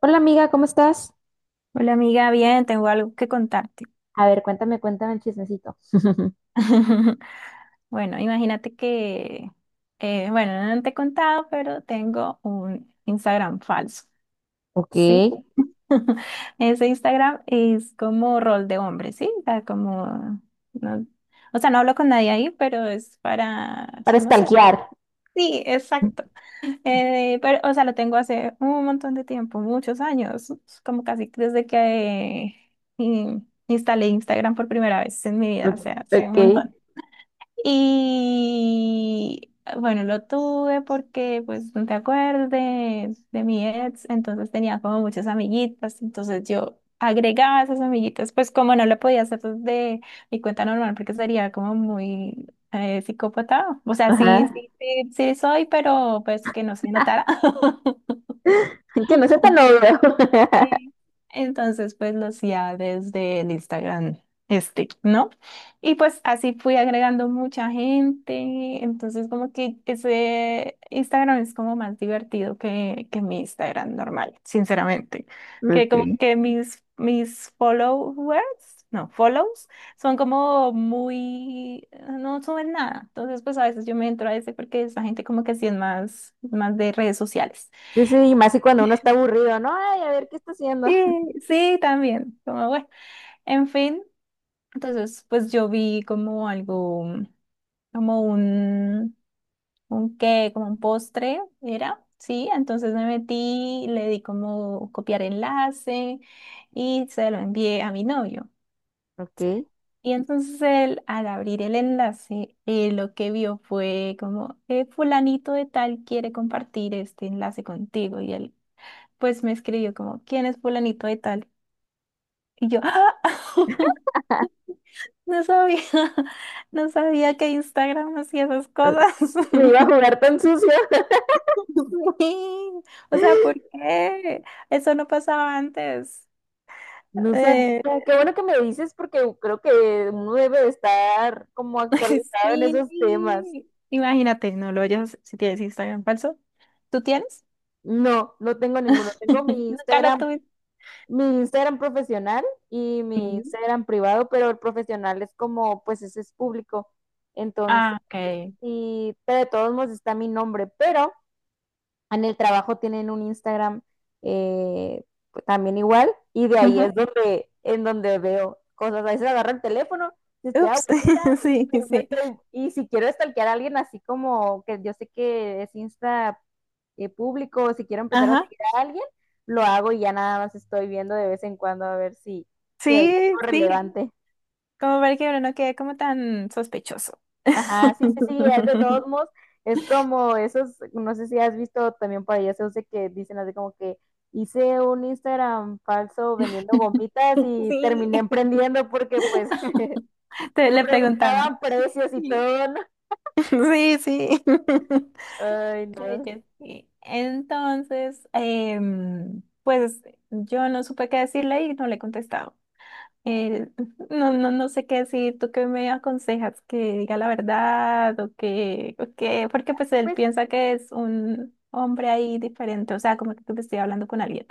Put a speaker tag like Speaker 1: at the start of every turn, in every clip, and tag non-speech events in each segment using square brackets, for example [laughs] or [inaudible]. Speaker 1: Hola amiga, ¿cómo estás?
Speaker 2: Hola amiga, bien, tengo algo que contarte.
Speaker 1: A ver, cuéntame, cuéntame el chismecito. [laughs]
Speaker 2: [laughs] Bueno, imagínate que, bueno, no te he contado, pero tengo un Instagram falso,
Speaker 1: Ok,
Speaker 2: ¿sí? [laughs] Ese Instagram es como rol de hombre, ¿sí? O sea, como, no- o sea, no hablo con nadie ahí, pero es para
Speaker 1: para
Speaker 2: chismosear.
Speaker 1: stalkear.
Speaker 2: Sí, exacto. Pero, o sea, lo tengo hace un montón de tiempo, muchos años, como casi desde que instalé Instagram por primera vez en mi vida, o sea, hace un
Speaker 1: Ok,
Speaker 2: montón. Y bueno, lo tuve porque, pues, no te acuerdas de mi ex, entonces tenía como muchas amiguitas, entonces yo agregaba esas amiguitas, pues como no lo podía hacer desde mi cuenta normal, porque sería como muy psicópata, o sea, sí,
Speaker 1: ajá.
Speaker 2: sí, sí, sí soy, pero pues que no se notara. [laughs]
Speaker 1: [laughs] Que no sea tan obvio.
Speaker 2: Sí. Entonces, pues lo hacía desde el Instagram este, ¿no? Y pues así fui agregando mucha gente. Entonces, como que ese Instagram es como más divertido que mi Instagram normal, sinceramente. Que
Speaker 1: [laughs]
Speaker 2: como
Speaker 1: Ok.
Speaker 2: que mis followers, no, follows, son como muy, no suben nada. Entonces, pues a veces yo me entro a ese porque esa gente como que sí es más, más de redes sociales.
Speaker 1: Sí, sí, y más si cuando uno está aburrido, ¿no? Ay, a ver, ¿qué está haciendo?
Speaker 2: Sí, sí, también. Como, bueno. En fin, entonces pues yo vi como algo, como un qué, como un postre, era, sí, entonces me metí, le di como copiar enlace y se lo envié a mi novio.
Speaker 1: Ok.
Speaker 2: Y entonces él, al abrir el enlace, lo que vio fue como, fulanito de tal quiere compartir este enlace contigo. Y él pues me escribió como, ¿quién es fulanito de tal? Y yo, ¡ah! [laughs] No sabía, [laughs] no sabía que Instagram hacía esas cosas.
Speaker 1: Me iba a jugar
Speaker 2: [laughs]
Speaker 1: tan sucio.
Speaker 2: Sí. O sea, ¿por
Speaker 1: [laughs]
Speaker 2: qué? Eso no pasaba antes.
Speaker 1: No sabía.
Speaker 2: Eh,
Speaker 1: Qué bueno que me dices porque creo que uno debe de estar como
Speaker 2: [laughs]
Speaker 1: actualizado en esos temas.
Speaker 2: sí. Imagínate, no lo oyes si tienes Instagram falso. ¿Tú tienes?
Speaker 1: No, no tengo ninguno. Tengo
Speaker 2: [laughs] Nunca lo tuve.
Speaker 1: Mi Instagram profesional y mi
Speaker 2: Sí.
Speaker 1: Instagram privado, pero el profesional es como, pues ese es público. Entonces,
Speaker 2: Ah, ok.
Speaker 1: y pero de todos modos está mi nombre, pero en el trabajo tienen un Instagram eh, pues, también igual, y de ahí
Speaker 2: Ujú.
Speaker 1: es en donde veo cosas. A veces agarro el teléfono, si estoy
Speaker 2: Ups.
Speaker 1: aburrida,
Speaker 2: [laughs]
Speaker 1: y
Speaker 2: Sí,
Speaker 1: me
Speaker 2: sí.
Speaker 1: meto, y si quiero stalkear a alguien así como que yo sé que es Insta público, o si quiero empezar a
Speaker 2: Ajá.
Speaker 1: seguir a alguien, lo hago y ya nada más estoy viendo de vez en cuando a ver si, si hay algo
Speaker 2: Sí, sí.
Speaker 1: relevante.
Speaker 2: Como para que uno no quede como tan sospechoso.
Speaker 1: Ajá, sí, sí, sí, es de todos
Speaker 2: [laughs]
Speaker 1: modos, es como esos, no sé si has visto también por ahí esos de que dicen así como que hice un Instagram falso vendiendo gomitas y
Speaker 2: Sí.
Speaker 1: terminé emprendiendo porque pues [laughs]
Speaker 2: Te
Speaker 1: me
Speaker 2: le preguntaban.
Speaker 1: preguntaban precios y
Speaker 2: Sí,
Speaker 1: todo, ¿no?
Speaker 2: sí, sí. [laughs]
Speaker 1: Ay,
Speaker 2: Ay,
Speaker 1: no.
Speaker 2: yo sí. Entonces, pues yo no supe qué decirle y no le he contestado. Eh, no, no, no sé qué decir. ¿Tú qué me aconsejas? ¿Que diga la verdad o que- Porque pues él
Speaker 1: Pues
Speaker 2: piensa que es un hombre ahí diferente, o sea, como que estoy hablando con alguien,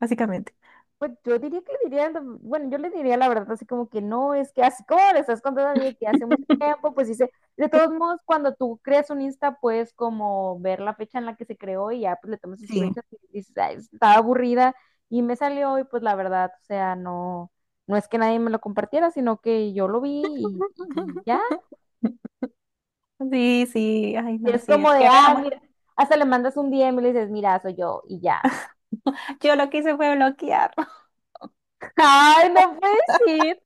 Speaker 2: básicamente.
Speaker 1: Pues yo diría que le diría, bueno, yo le diría la verdad, así como que no, es que así como le estás contando a mí que hace mucho tiempo, pues dice, de todos modos, cuando tú creas un Insta, puedes como ver la fecha en la que se creó y ya pues le tomas
Speaker 2: Sí.
Speaker 1: screenshot y dices, "Ay, estaba aburrida y me salió y pues la verdad, o sea, no, no es que nadie me lo compartiera, sino que yo lo vi y ya.
Speaker 2: [laughs] Sí, sí, ay,
Speaker 1: Y
Speaker 2: no,
Speaker 1: es
Speaker 2: sí, es
Speaker 1: como de,
Speaker 2: que
Speaker 1: ah,
Speaker 2: veamos.
Speaker 1: mira, hasta le mandas un DM y le dices, mira, soy yo y ya.
Speaker 2: Yo lo que hice fue bloquear.
Speaker 1: [laughs] Ay, no puede ser.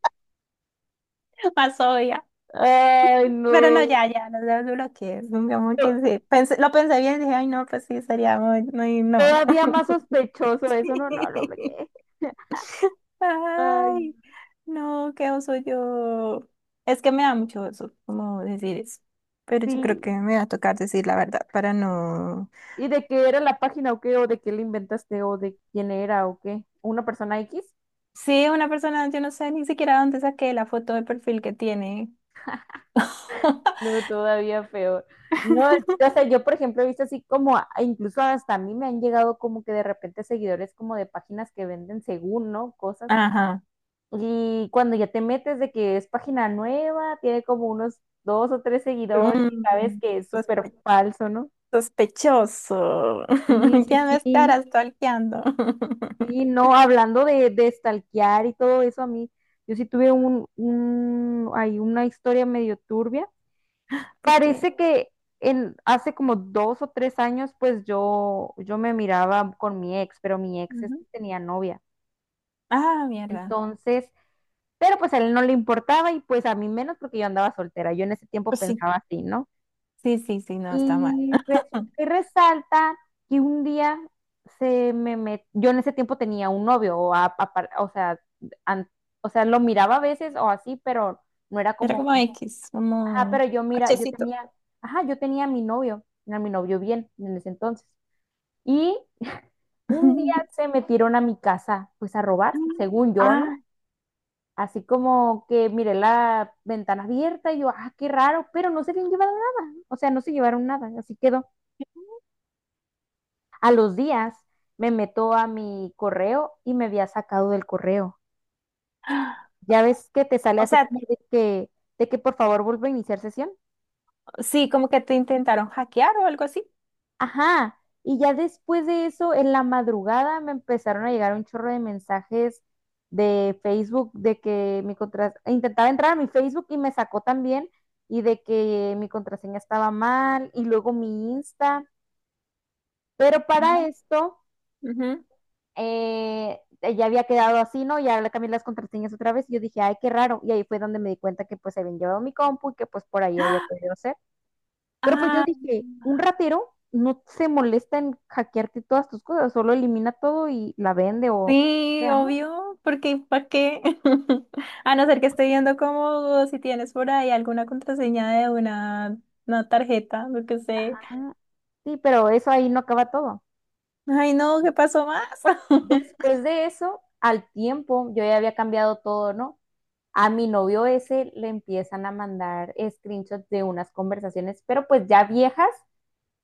Speaker 2: [laughs] Más obvia.
Speaker 1: Ay,
Speaker 2: Pero no,
Speaker 1: no.
Speaker 2: ya, ya, lo desbloqueé. Digamos que sí. Pensé- lo pensé bien y dije, ay, no, pues sí, sería muy, muy, no.
Speaker 1: Todavía más sospechoso eso, no, no, no, porque-
Speaker 2: [laughs]
Speaker 1: Ay.
Speaker 2: Ay, no, qué oso yo. Es que me da mucho oso como decir eso. Pero yo creo
Speaker 1: Sí.
Speaker 2: que me va a tocar decir la verdad para no.
Speaker 1: ¿Y de qué era la página o qué? ¿O de qué la inventaste? ¿O de quién era o qué? ¿Una persona X?
Speaker 2: Sí, una persona, yo no sé ni siquiera dónde saqué la foto de perfil que tiene.
Speaker 1: No, todavía peor. No,
Speaker 2: [laughs]
Speaker 1: o sea, yo por ejemplo he visto así como, incluso hasta a mí me han llegado como que de repente seguidores como de páginas que venden según, ¿no? Cosas.
Speaker 2: Ajá.
Speaker 1: Y cuando ya te metes de que es página nueva, tiene como unos dos o tres seguidores y sabes
Speaker 2: Mm.
Speaker 1: que es súper falso, ¿no?
Speaker 2: Sospechoso.
Speaker 1: Sí,
Speaker 2: [laughs] ¿Quién me
Speaker 1: sí, sí.
Speaker 2: estará stalkeando? [laughs]
Speaker 1: Sí, no, hablando de stalkear y todo eso, a mí, yo sí tuve hay una historia medio turbia.
Speaker 2: Porque.
Speaker 1: Parece que hace como dos o tres años, pues yo me miraba con mi ex, pero mi ex
Speaker 2: Ujú.
Speaker 1: este tenía novia.
Speaker 2: Ah, mierda.
Speaker 1: Entonces, pero pues a él no le importaba y pues a mí menos porque yo andaba soltera. Yo en ese tiempo
Speaker 2: Pues sí.
Speaker 1: pensaba así, ¿no?
Speaker 2: Sí, sí, sí, no, está mal.
Speaker 1: Y resulta y
Speaker 2: [laughs]
Speaker 1: resalta que un día yo en ese tiempo tenía un novio, an- o sea, lo miraba a veces o así, pero no era
Speaker 2: Era
Speaker 1: como,
Speaker 2: como X, como
Speaker 1: ajá, pero
Speaker 2: un
Speaker 1: yo mira, yo
Speaker 2: hachecito.
Speaker 1: tenía, ajá, yo tenía a mi novio bien en ese entonces. Y [laughs] un día
Speaker 2: [laughs]
Speaker 1: se metieron a mi casa, pues a robar, según yo,
Speaker 2: Ah.
Speaker 1: ¿no? Así como que miré la ventana abierta y yo, ah, qué raro, pero no se habían llevado nada, o sea, no se llevaron nada, así quedó. A los días me meto a mi correo y me había sacado del correo.
Speaker 2: [gasps] Ah,
Speaker 1: Ya ves que te sale
Speaker 2: o
Speaker 1: así
Speaker 2: sea,
Speaker 1: como de que, por favor vuelva a iniciar sesión.
Speaker 2: sí, como que te intentaron hackear o algo así.
Speaker 1: Ajá. Y ya después de eso, en la madrugada me empezaron a llegar un chorro de mensajes de Facebook de que mi contraseña, intentaba entrar a mi Facebook y me sacó también y de que mi contraseña estaba mal y luego mi Insta. Pero para esto,
Speaker 2: Ujú.
Speaker 1: ya había quedado así, ¿no? Ya le cambié las contraseñas otra vez y yo dije, ay, qué raro. Y ahí fue donde me di cuenta que pues se habían llevado mi compu y que pues por ahí había podido ser. Pero pues yo
Speaker 2: Ah,
Speaker 1: dije, un ratero no se molesta en hackearte todas tus cosas, solo elimina todo y la vende o
Speaker 2: sí,
Speaker 1: sea, ¿no?
Speaker 2: obvio, porque ¿para qué? [laughs] A no ser que esté viendo como si tienes por ahí alguna contraseña de una tarjeta, lo que sé.
Speaker 1: Ah, sí, pero eso ahí no acaba todo.
Speaker 2: Ay, no, ¿qué pasó más? [gasps] [laughs]
Speaker 1: Después de eso, al tiempo, yo ya había cambiado todo, ¿no? A mi novio ese le empiezan a mandar screenshots de unas conversaciones, pero pues ya viejas,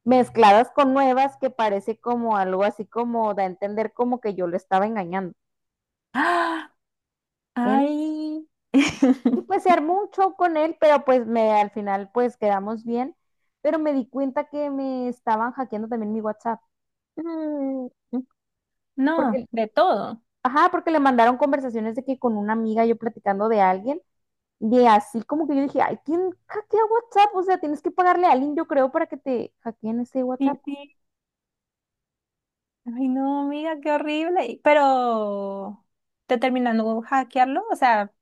Speaker 1: mezcladas con nuevas que parece como algo así como da a entender como que yo lo estaba engañando.
Speaker 2: Ah.
Speaker 1: En-
Speaker 2: Ay.
Speaker 1: y pues se
Speaker 2: [laughs]
Speaker 1: armó un show con él, pero pues al final pues quedamos bien, pero me di cuenta que me estaban hackeando también mi WhatsApp,
Speaker 2: Mm. No,
Speaker 1: porque,
Speaker 2: de todo.
Speaker 1: ajá, porque le mandaron conversaciones de que con una amiga yo platicando de alguien, y así como que yo dije, ay, ¿quién hackea WhatsApp? O sea, tienes que pagarle a alguien, yo creo, para que te hackeen ese WhatsApp.
Speaker 2: Sí, sí. Ay, no, amiga, qué horrible. Y- pero, ¿te terminando hackearlo? O sea,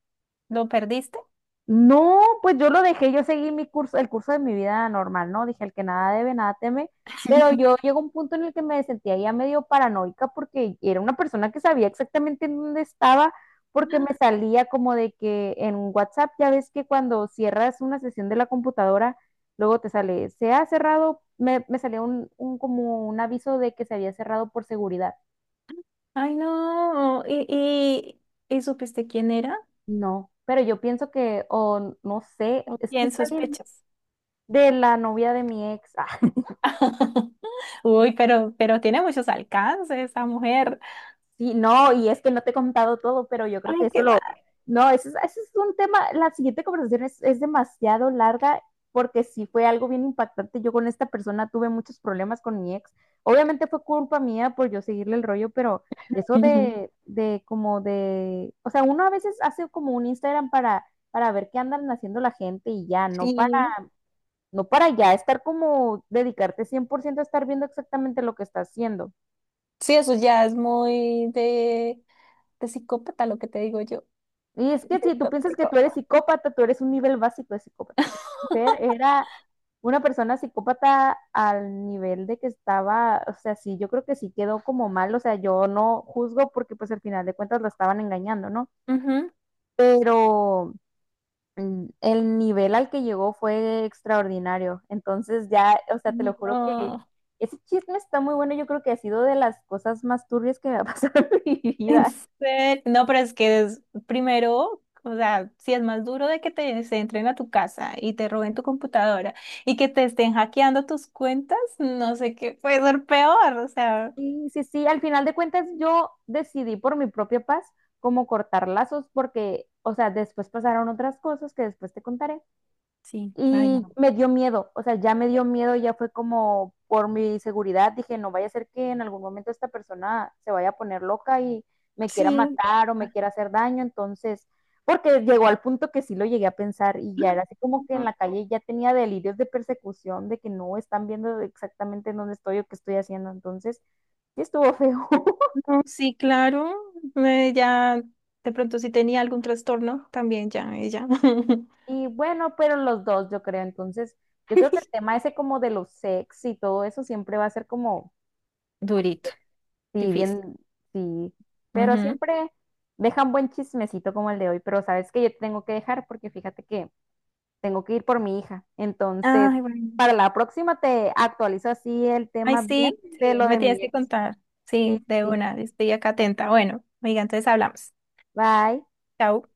Speaker 2: ¿lo perdiste?
Speaker 1: No, pues yo lo dejé, yo seguí mi curso, el curso de mi vida normal, ¿no? Dije, el que nada debe, nada teme, pero yo llegó un punto en el que me sentía ya medio paranoica porque era una persona que sabía exactamente en dónde estaba, porque me salía como de que en WhatsApp, ya ves que cuando cierras una sesión de la computadora, luego te sale, se ha cerrado, me salía un como un aviso de que se había cerrado por seguridad.
Speaker 2: Ay, no. Y supiste quién era?
Speaker 1: No, pero yo pienso que, o no sé,
Speaker 2: ¿O
Speaker 1: es que
Speaker 2: quién
Speaker 1: está bien
Speaker 2: sospechas?
Speaker 1: de la novia de mi ex. [laughs]
Speaker 2: [laughs] Uy, pero tiene muchos alcances esa mujer.
Speaker 1: Sí, no, y es que no te he contado todo, pero yo creo que
Speaker 2: Ay,
Speaker 1: eso
Speaker 2: qué
Speaker 1: lo...
Speaker 2: mal.
Speaker 1: No, eso es un tema, la siguiente conversación es demasiado larga porque sí fue algo bien impactante. Yo con esta persona tuve muchos problemas con mi ex. Obviamente fue culpa mía por yo seguirle el rollo, pero eso
Speaker 2: Ujú.
Speaker 1: de como de, o sea, uno a veces hace como un Instagram para, ver qué andan haciendo la gente y ya, no para,
Speaker 2: Sí,
Speaker 1: ya estar como dedicarte 100% a estar viendo exactamente lo que está haciendo.
Speaker 2: sí, eso ya es muy de psicópata lo que te digo yo,
Speaker 1: Y es que
Speaker 2: de
Speaker 1: si tú piensas que
Speaker 2: tóxico.
Speaker 1: tú eres psicópata, tú eres un nivel básico de psicópata. Esta mujer era una persona psicópata al nivel de que estaba, o sea, sí, yo creo que sí quedó como mal, o sea, yo no juzgo porque pues al final de cuentas la estaban engañando, ¿no?
Speaker 2: Ujú.
Speaker 1: Pero el nivel al que llegó fue extraordinario. Entonces ya, o sea, te lo juro que
Speaker 2: No,
Speaker 1: ese chisme está muy bueno, yo creo que ha sido de las cosas más turbias que me ha pasado [laughs] en mi
Speaker 2: [laughs] en
Speaker 1: vida.
Speaker 2: serio. No, pero es que es- primero, o sea, si es más duro de que te se entren a tu casa y te roben tu computadora y que te estén hackeando tus cuentas, no sé qué puede ser peor, o sea,
Speaker 1: Sí, sí, sí, al final de cuentas yo decidí por mi propia paz como cortar lazos porque, o sea, después pasaron otras cosas que después te contaré.
Speaker 2: sí, ay
Speaker 1: Y
Speaker 2: no.
Speaker 1: me dio miedo, o sea, ya me dio miedo, ya fue como por mi seguridad, dije, no vaya a ser que en algún momento esta persona se vaya a poner loca y me quiera
Speaker 2: Sí,
Speaker 1: matar o me quiera hacer daño, entonces, porque llegó al punto que sí lo llegué a pensar y ya era así como que en
Speaker 2: no,
Speaker 1: la calle ya tenía delirios de persecución, de que no están viendo exactamente en dónde estoy o qué estoy haciendo, entonces, sí estuvo feo. [laughs]
Speaker 2: no, sí, claro, ya de pronto si tenía algún trastorno, también ya, ella. [laughs]
Speaker 1: Y bueno, pero los dos, yo creo, entonces, yo creo que el tema ese como de los sex y todo eso siempre va a ser como...
Speaker 2: Durito,
Speaker 1: Sí,
Speaker 2: difícil.
Speaker 1: bien, sí. Pero
Speaker 2: Ujú.
Speaker 1: siempre dejan buen chismecito como el de hoy. Pero sabes que yo te tengo que dejar porque fíjate que tengo que ir por mi hija. Entonces,
Speaker 2: Ay, bueno.
Speaker 1: para la próxima te actualizo así el
Speaker 2: Ay,
Speaker 1: tema bien
Speaker 2: sí,
Speaker 1: de
Speaker 2: sí,
Speaker 1: lo
Speaker 2: me
Speaker 1: de
Speaker 2: tienes
Speaker 1: mi
Speaker 2: que
Speaker 1: ex.
Speaker 2: contar.
Speaker 1: Sí,
Speaker 2: Sí,
Speaker 1: sí.
Speaker 2: de
Speaker 1: Sí.
Speaker 2: una, estoy acá atenta. Bueno, oiga, entonces hablamos.
Speaker 1: Bye.
Speaker 2: Chao.